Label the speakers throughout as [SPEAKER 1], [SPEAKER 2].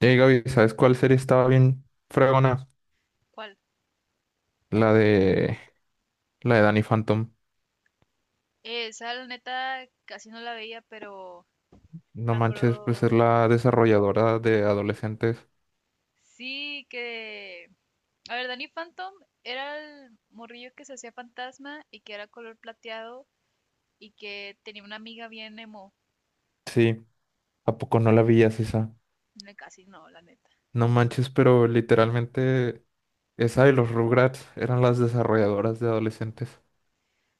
[SPEAKER 1] Hey Gaby, ¿sabes cuál serie estaba bien fregona?
[SPEAKER 2] ¿Cuál?
[SPEAKER 1] La de Danny Phantom.
[SPEAKER 2] Esa la neta casi no la veía, pero
[SPEAKER 1] No
[SPEAKER 2] me
[SPEAKER 1] manches, pues es
[SPEAKER 2] acuerdo.
[SPEAKER 1] la desarrolladora de adolescentes.
[SPEAKER 2] Sí, que. A ver, Danny Phantom era el morrillo que se hacía fantasma y que era color plateado y que tenía una amiga bien emo.
[SPEAKER 1] Sí, ¿a poco no la veías esa?
[SPEAKER 2] No, casi no, la neta.
[SPEAKER 1] No manches, pero literalmente esa y los Rugrats eran las desarrolladoras de adolescentes.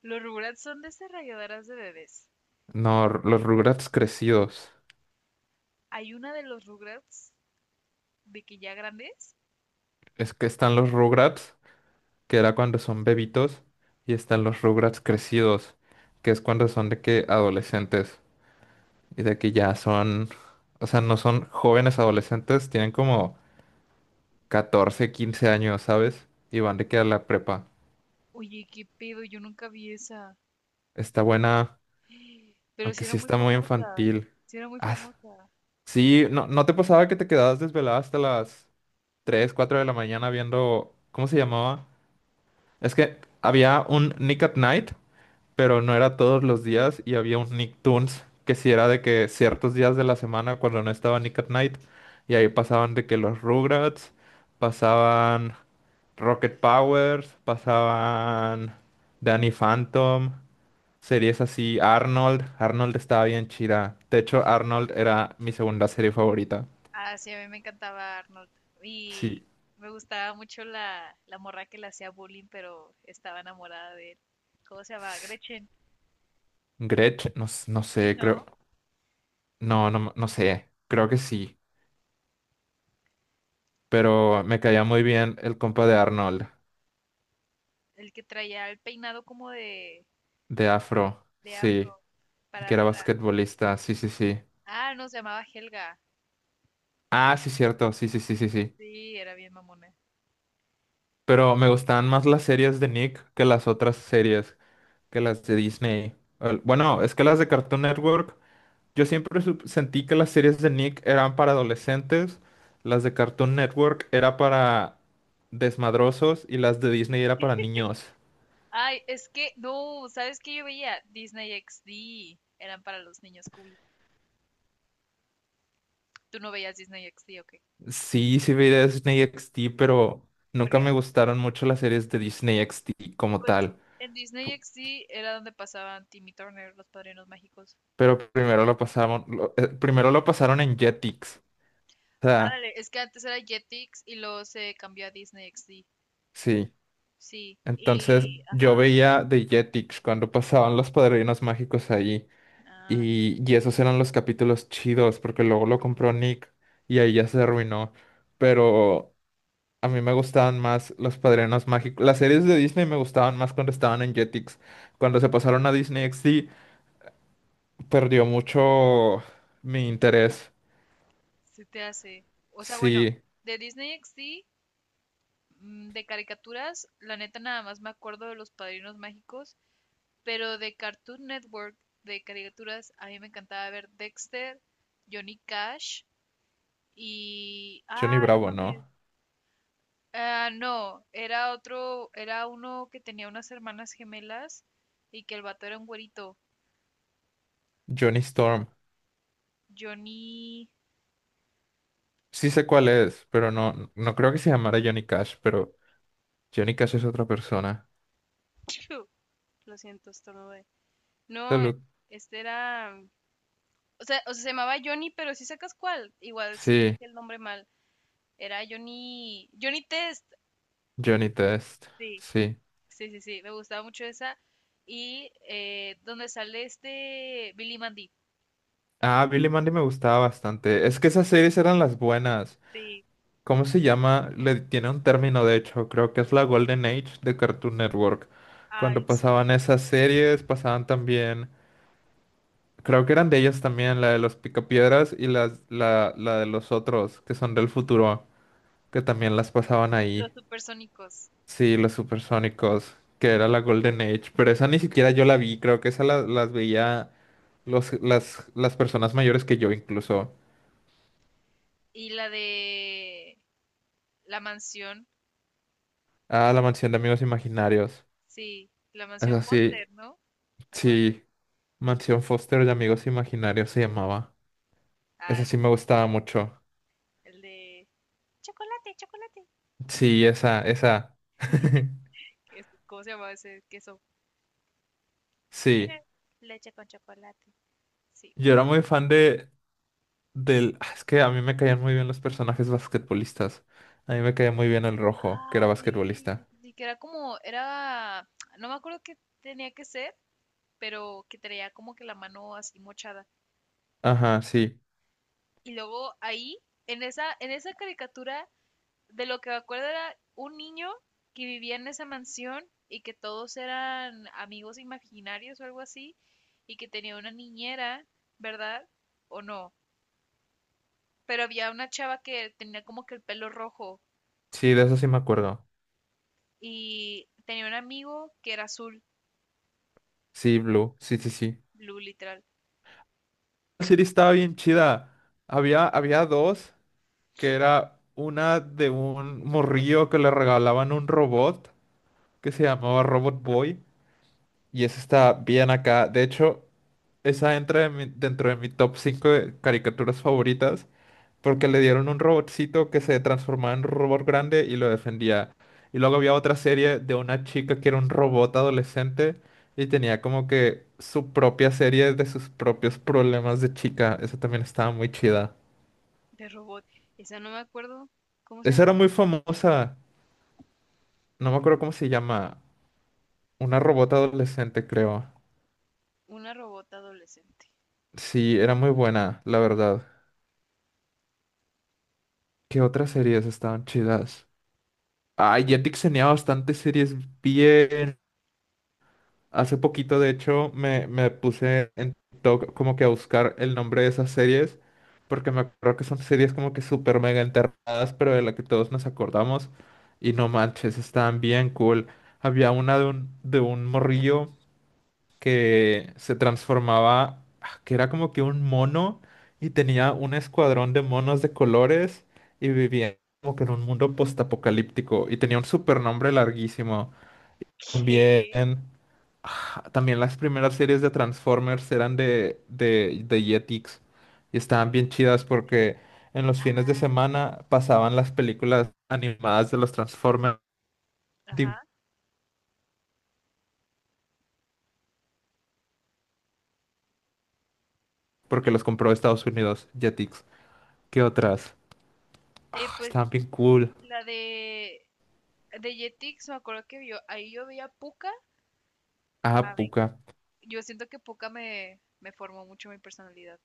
[SPEAKER 2] Los Rugrats son de esas rayadoras de bebés.
[SPEAKER 1] No, los Rugrats crecidos.
[SPEAKER 2] Hay una de los Rugrats de que ya grandes.
[SPEAKER 1] Es que están los Rugrats, que era cuando son bebitos, y están los Rugrats crecidos, que es cuando son de que adolescentes. Y de que ya son, o sea, no son jóvenes adolescentes, tienen como 14 15 años, ¿sabes? Y van de que a la prepa.
[SPEAKER 2] Oye, qué pedo, yo nunca vi esa.
[SPEAKER 1] Está buena,
[SPEAKER 2] Pero sí
[SPEAKER 1] aunque
[SPEAKER 2] era
[SPEAKER 1] sí
[SPEAKER 2] muy
[SPEAKER 1] está muy
[SPEAKER 2] famosa.
[SPEAKER 1] infantil.
[SPEAKER 2] Sí era muy
[SPEAKER 1] Ah,
[SPEAKER 2] famosa.
[SPEAKER 1] sí, no, ¿no te pasaba que te quedabas desvelada hasta las 3 4 de la mañana viendo, ¿cómo se llamaba? Es que había un Nick at Night, pero no era todos los días, y había un Nicktoons que sí era de que ciertos días de la semana cuando no estaba Nick at Night, y ahí pasaban de que los Rugrats, pasaban Rocket Powers, pasaban Danny Phantom, series así, Arnold. Arnold estaba bien chida. De hecho, Arnold era mi segunda serie favorita.
[SPEAKER 2] Ah, sí, a mí me encantaba Arnold.
[SPEAKER 1] Sí.
[SPEAKER 2] Y me gustaba mucho la morra que le hacía bullying, pero estaba enamorada de él. ¿Cómo se llama? Gretchen.
[SPEAKER 1] Gretch, no, no
[SPEAKER 2] Sí,
[SPEAKER 1] sé, creo,
[SPEAKER 2] ¿no?
[SPEAKER 1] no, no, no sé, creo que sí, pero me caía muy bien el compa de Arnold.
[SPEAKER 2] El que traía el peinado como de,
[SPEAKER 1] De afro,
[SPEAKER 2] de
[SPEAKER 1] sí,
[SPEAKER 2] afro
[SPEAKER 1] y
[SPEAKER 2] para
[SPEAKER 1] que era
[SPEAKER 2] arriba.
[SPEAKER 1] basquetbolista, sí, sí, sí.
[SPEAKER 2] Ah, no, se llamaba Helga.
[SPEAKER 1] Ah, sí, cierto, sí, sí, sí, sí, sí.
[SPEAKER 2] Sí, era bien mamona.
[SPEAKER 1] Pero me gustaban más las series de Nick que las otras series, que las de Disney. Bueno, es que las de Cartoon Network, yo siempre sentí que las series de Nick eran para adolescentes, las de Cartoon Network era para desmadrosos y las de Disney era para niños.
[SPEAKER 2] Ay, es que, no, ¿sabes qué yo veía? Disney XD. Eran para los niños cool. ¿Tú no veías Disney XD o qué?
[SPEAKER 1] Sí, sí vi Disney XD, pero nunca
[SPEAKER 2] Porque,
[SPEAKER 1] me gustaron mucho las series de Disney XD como
[SPEAKER 2] pues,
[SPEAKER 1] tal.
[SPEAKER 2] en Disney XD era donde pasaban Timmy Turner, los padrinos mágicos.
[SPEAKER 1] Pero primero lo pasaron, primero lo pasaron en Jetix. O sea,
[SPEAKER 2] Ándale, es que antes era Jetix y luego se cambió a Disney XD.
[SPEAKER 1] sí.
[SPEAKER 2] Sí,
[SPEAKER 1] Entonces
[SPEAKER 2] y
[SPEAKER 1] yo
[SPEAKER 2] ajá.
[SPEAKER 1] veía de Jetix cuando pasaban los padrinos mágicos ahí.
[SPEAKER 2] Ah,
[SPEAKER 1] Y esos eran los capítulos chidos, porque luego lo compró Nick y ahí ya se arruinó. Pero a mí me gustaban más los padrinos mágicos. Las series de Disney me gustaban más cuando estaban en Jetix. Cuando se pasaron a Disney XD, perdió mucho mi interés.
[SPEAKER 2] se te hace. O sea, bueno,
[SPEAKER 1] Sí,
[SPEAKER 2] de Disney XD, de caricaturas, la neta nada más me acuerdo de Los Padrinos Mágicos, pero de Cartoon Network, de caricaturas, a mí me encantaba ver Dexter, Johnny Cash y...
[SPEAKER 1] Johnny
[SPEAKER 2] Ah, no
[SPEAKER 1] Bravo,
[SPEAKER 2] mames.
[SPEAKER 1] ¿no?
[SPEAKER 2] Ah, no, era otro, era uno que tenía unas hermanas gemelas y que el vato era un güerito.
[SPEAKER 1] Johnny Storm.
[SPEAKER 2] Johnny...
[SPEAKER 1] Sí sé cuál es, pero no, no creo que se llamara Johnny Cash, pero Johnny Cash es otra persona.
[SPEAKER 2] Piu, lo siento, estornudé. No, e-,
[SPEAKER 1] Salud.
[SPEAKER 2] este era. O sea, se llamaba Johnny, pero si sacas cuál. Igual sí dije
[SPEAKER 1] Sí,
[SPEAKER 2] el nombre mal. Era Johnny. Johnny Test.
[SPEAKER 1] Johnny Test.
[SPEAKER 2] Sí,
[SPEAKER 1] Sí.
[SPEAKER 2] sí. Me gustaba mucho esa. Y donde sale este Billy Mandy.
[SPEAKER 1] Ah, Billy Mandy me gustaba bastante. Es que
[SPEAKER 2] Billy
[SPEAKER 1] esas
[SPEAKER 2] Mandy.
[SPEAKER 1] series eran las buenas.
[SPEAKER 2] Sí.
[SPEAKER 1] ¿Cómo se llama? Le tiene un término, de hecho, creo que es la Golden Age de Cartoon Network.
[SPEAKER 2] Ay,
[SPEAKER 1] Cuando pasaban
[SPEAKER 2] sí.
[SPEAKER 1] esas series, pasaban también, creo que eran de ellas también, la de los Picapiedras y la de los otros, que son del futuro, que también las pasaban ahí.
[SPEAKER 2] Los supersónicos.
[SPEAKER 1] Sí, los supersónicos, que era la Golden Age, pero esa ni siquiera yo la vi, creo que esa las veía las personas mayores que yo incluso.
[SPEAKER 2] Y la de la mansión.
[SPEAKER 1] Ah, la mansión de amigos imaginarios.
[SPEAKER 2] Sí. La mansión
[SPEAKER 1] Esa sí,
[SPEAKER 2] Foster, ¿no? Algo así.
[SPEAKER 1] sí, mansión Foster de amigos imaginarios se llamaba. Esa
[SPEAKER 2] Ah,
[SPEAKER 1] sí me
[SPEAKER 2] sí.
[SPEAKER 1] gustaba mucho.
[SPEAKER 2] El de. Chuck,
[SPEAKER 1] Sí, esa, esa.
[SPEAKER 2] es- ¿Cómo se llamaba ese queso?
[SPEAKER 1] Sí,
[SPEAKER 2] Mira, leche con chocolate. Sí.
[SPEAKER 1] yo era muy fan Es que a mí me caían muy bien los personajes basquetbolistas. A mí me caía muy bien el rojo, que era
[SPEAKER 2] Ah, sí, sí,
[SPEAKER 1] basquetbolista.
[SPEAKER 2] sí, sí, que era como, era, no me acuerdo qué tenía que ser, pero que traía como que la mano así mochada.
[SPEAKER 1] Ajá, sí.
[SPEAKER 2] Y luego ahí, en esa caricatura, de lo que me acuerdo era un niño que vivía en esa mansión y que todos eran amigos imaginarios o algo así, y que tenía una niñera, ¿verdad? ¿O no? Pero había una chava que tenía como que el pelo rojo.
[SPEAKER 1] Sí, de eso sí me acuerdo.
[SPEAKER 2] Y tenía un amigo que era azul,
[SPEAKER 1] Sí, Blue. Sí, sí, sí.
[SPEAKER 2] blue literal,
[SPEAKER 1] La serie estaba bien chida. Había dos, que era una de un morrillo que le regalaban un robot que se llamaba Robot Boy. Y esa está bien acá. De hecho, esa entra en dentro de mi top 5 de caricaturas favoritas. Porque le dieron un robotcito que se transformaba en un robot grande y lo defendía. Y luego había otra serie de una chica que era un robot adolescente y tenía como que su propia serie de sus propios problemas de chica. Esa también estaba muy chida.
[SPEAKER 2] de robot. Esa no me acuerdo cómo se
[SPEAKER 1] Esa
[SPEAKER 2] llama.
[SPEAKER 1] era muy famosa. No me acuerdo cómo se llama. Una robot adolescente, creo.
[SPEAKER 2] Una robot adolescente.
[SPEAKER 1] Sí, era muy buena, la verdad. ¿Qué otras series estaban chidas? Ay, Jetix tenía bastantes series bien. Hace poquito, de hecho, me puse en TikTok como que a buscar el nombre de esas series, porque me acuerdo que son series como que súper mega enterradas, pero de la que todos nos acordamos. Y no manches, estaban bien cool. Había una de un, morrillo que se transformaba, que era como que un mono y tenía un escuadrón de monos de colores y vivía como que en un mundo postapocalíptico y tenía un super nombre larguísimo. También,
[SPEAKER 2] ¿Qué?
[SPEAKER 1] también las primeras series de Transformers eran de Jetix y estaban bien chidas porque en los fines de
[SPEAKER 2] Ah,
[SPEAKER 1] semana pasaban las películas animadas de los Transformers, di-
[SPEAKER 2] ajá.
[SPEAKER 1] porque los compró Estados Unidos, Jetix. ¿Qué otras? Ah,
[SPEAKER 2] Pues
[SPEAKER 1] estaban bien cool.
[SPEAKER 2] la de Jetix, me acuerdo que yo, ahí yo veía a Puka.
[SPEAKER 1] Ah,
[SPEAKER 2] A ver,
[SPEAKER 1] Pucca.
[SPEAKER 2] yo siento que Puka me formó mucho mi personalidad.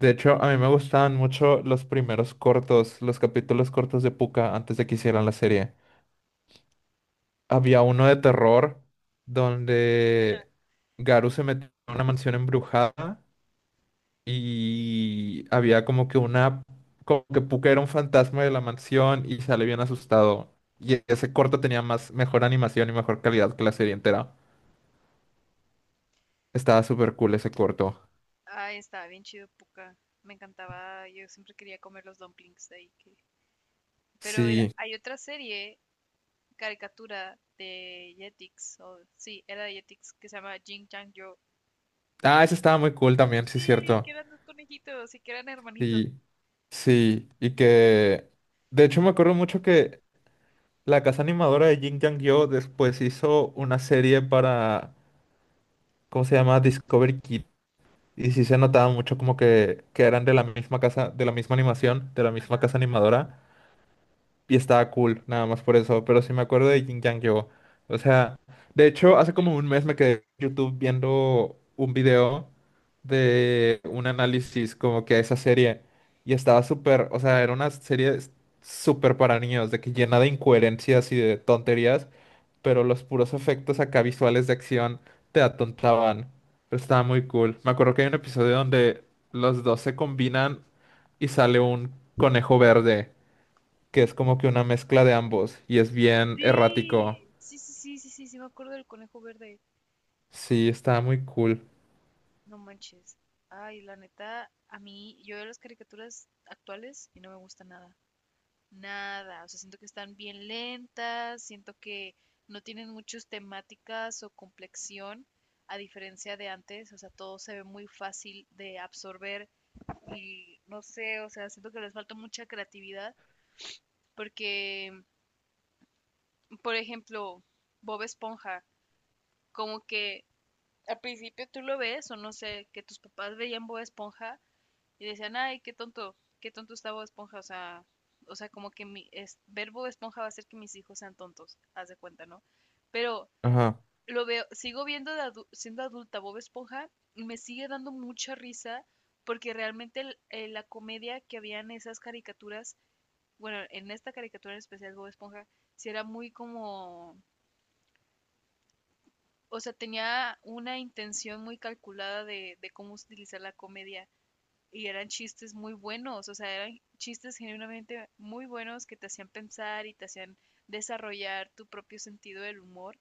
[SPEAKER 1] De hecho, a mí me gustaban mucho los primeros cortos, los capítulos cortos de Pucca antes de que hicieran la serie. Había uno de terror donde Garu se metió en una mansión embrujada y había como que una, como que Puka era un fantasma de la mansión y sale bien asustado. Y ese corto tenía más, mejor animación y mejor calidad que la serie entera. Estaba súper cool ese corto.
[SPEAKER 2] Ah, estaba bien chido Puka. Me encantaba, yo siempre quería comer los dumplings de ahí. Que... Pero era-
[SPEAKER 1] Sí.
[SPEAKER 2] hay otra serie caricatura de Jetix, o sí, era de Jetix, que se llama Jin Chang Yo.
[SPEAKER 1] Ah, ese estaba muy cool también, sí,
[SPEAKER 2] Sí, que
[SPEAKER 1] cierto.
[SPEAKER 2] eran dos conejitos y que eran hermanitos.
[SPEAKER 1] Sí, sí. Y que, de hecho, me acuerdo mucho que la casa animadora de Jin Yang Yo después hizo una serie para ¿cómo se llama? Discovery Kid. Y sí se notaba mucho como que eran de la misma casa, de la misma animación, de la misma
[SPEAKER 2] Ajá.
[SPEAKER 1] casa animadora y estaba cool, nada más por eso, pero sí me acuerdo de Jin Yang Yo. O sea, de hecho, hace como un mes me quedé en YouTube viendo un video de un análisis como que a esa serie y estaba súper, o sea, era una serie súper para niños, de que llena de incoherencias y de tonterías, pero los puros efectos acá visuales de acción te atontaban. Pero estaba muy cool. Me acuerdo que hay un episodio donde los dos se combinan y sale un conejo verde que es como que una mezcla de ambos y es bien errático.
[SPEAKER 2] Sí, sí, me acuerdo del conejo verde.
[SPEAKER 1] Sí, está muy cool.
[SPEAKER 2] No manches. Ay, la neta, a mí, yo veo las caricaturas actuales y no me gusta nada. Nada. O sea, siento que están bien lentas, siento que no tienen muchas temáticas o complexión, a diferencia de antes. O sea, todo se ve muy fácil de absorber y no sé, o sea, siento que les falta mucha creatividad porque, por ejemplo, Bob Esponja, como que al principio tú lo ves o no sé, que tus papás veían Bob Esponja y decían, ay, qué tonto está Bob Esponja, o sea, como que mi, es, ver Bob Esponja va a hacer que mis hijos sean tontos, haz de cuenta, ¿no? Pero
[SPEAKER 1] Ajá.
[SPEAKER 2] lo veo, sigo viendo de adu- siendo adulta Bob Esponja y me sigue dando mucha risa porque realmente el- la comedia que había en esas caricaturas bueno, en esta caricatura en especial Bob Esponja, sí era muy como, o sea, tenía una intención muy calculada de cómo utilizar la comedia y eran chistes muy buenos, o sea, eran chistes genuinamente muy buenos que te hacían pensar y te hacían desarrollar tu propio sentido del humor,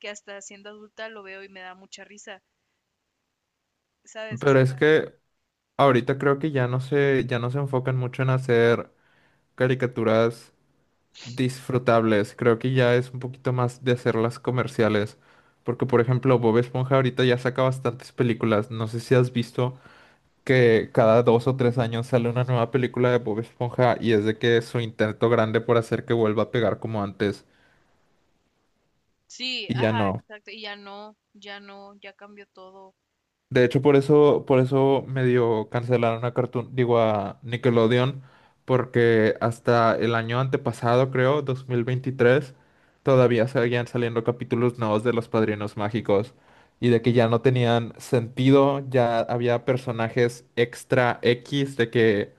[SPEAKER 2] que hasta siendo adulta lo veo y me da mucha risa, ¿sabes? O
[SPEAKER 1] Pero
[SPEAKER 2] sea,
[SPEAKER 1] es que ahorita creo que ya no se enfocan mucho en hacer caricaturas disfrutables. Creo que ya es un poquito más de hacerlas comerciales. Porque, por ejemplo, Bob Esponja ahorita ya saca bastantes películas. No sé si has visto que cada dos o tres años sale una nueva película de Bob Esponja y es de que es su intento grande por hacer que vuelva a pegar como antes,
[SPEAKER 2] sí,
[SPEAKER 1] y ya
[SPEAKER 2] ajá,
[SPEAKER 1] no.
[SPEAKER 2] exacto, y ya no, ya no, ya cambió todo.
[SPEAKER 1] De hecho, por eso, medio cancelaron a Cartoon, digo a Nickelodeon, porque hasta el año antepasado, creo, 2023, todavía seguían saliendo capítulos nuevos de Los Padrinos Mágicos y de que ya no tenían sentido, ya había personajes extra X, de que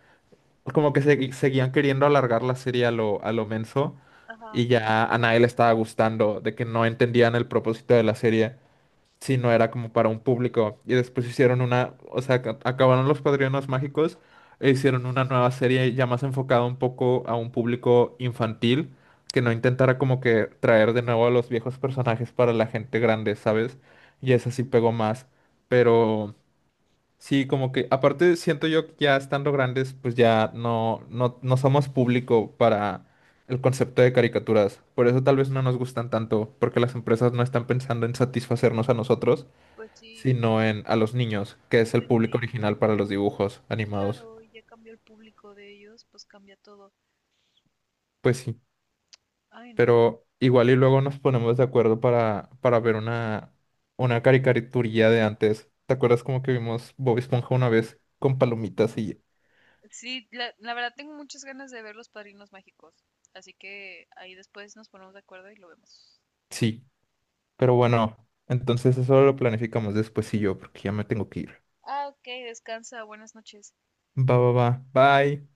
[SPEAKER 1] como que seguían queriendo alargar la serie a lo menso
[SPEAKER 2] Ajá,
[SPEAKER 1] y ya a nadie le estaba gustando, de que no entendían el propósito de la serie. Sí, no era como para un público. Y después hicieron una, o sea, acabaron Los Padrinos Mágicos e hicieron una nueva serie ya más enfocada un poco a un público infantil, que no intentara como que traer de nuevo a los viejos personajes para la gente grande, ¿sabes? Y esa sí pegó más. Pero sí, como que aparte siento yo que ya estando grandes, pues ya no, no, no somos público para el concepto de caricaturas. Por eso tal vez no nos gustan tanto, porque las empresas no están pensando en satisfacernos a nosotros,
[SPEAKER 2] pues sí,
[SPEAKER 1] sino en a los niños, que es el
[SPEAKER 2] pues
[SPEAKER 1] público
[SPEAKER 2] sí.
[SPEAKER 1] original para los dibujos animados.
[SPEAKER 2] Claro, y ya cambió el público de ellos, pues cambia todo.
[SPEAKER 1] Pues sí,
[SPEAKER 2] Ay, no.
[SPEAKER 1] pero igual y luego nos ponemos de acuerdo para ver una caricaturilla de antes. ¿Te acuerdas como que vimos Bob Esponja una vez con palomitas y
[SPEAKER 2] Sí, la verdad tengo muchas ganas de ver Los Padrinos Mágicos. Así que ahí después nos ponemos de acuerdo y lo vemos.
[SPEAKER 1] sí, pero bueno, entonces eso lo planificamos después? Y yo, porque ya me tengo que ir.
[SPEAKER 2] Ah, ok, descansa, buenas noches.
[SPEAKER 1] Va, va, va. Bye.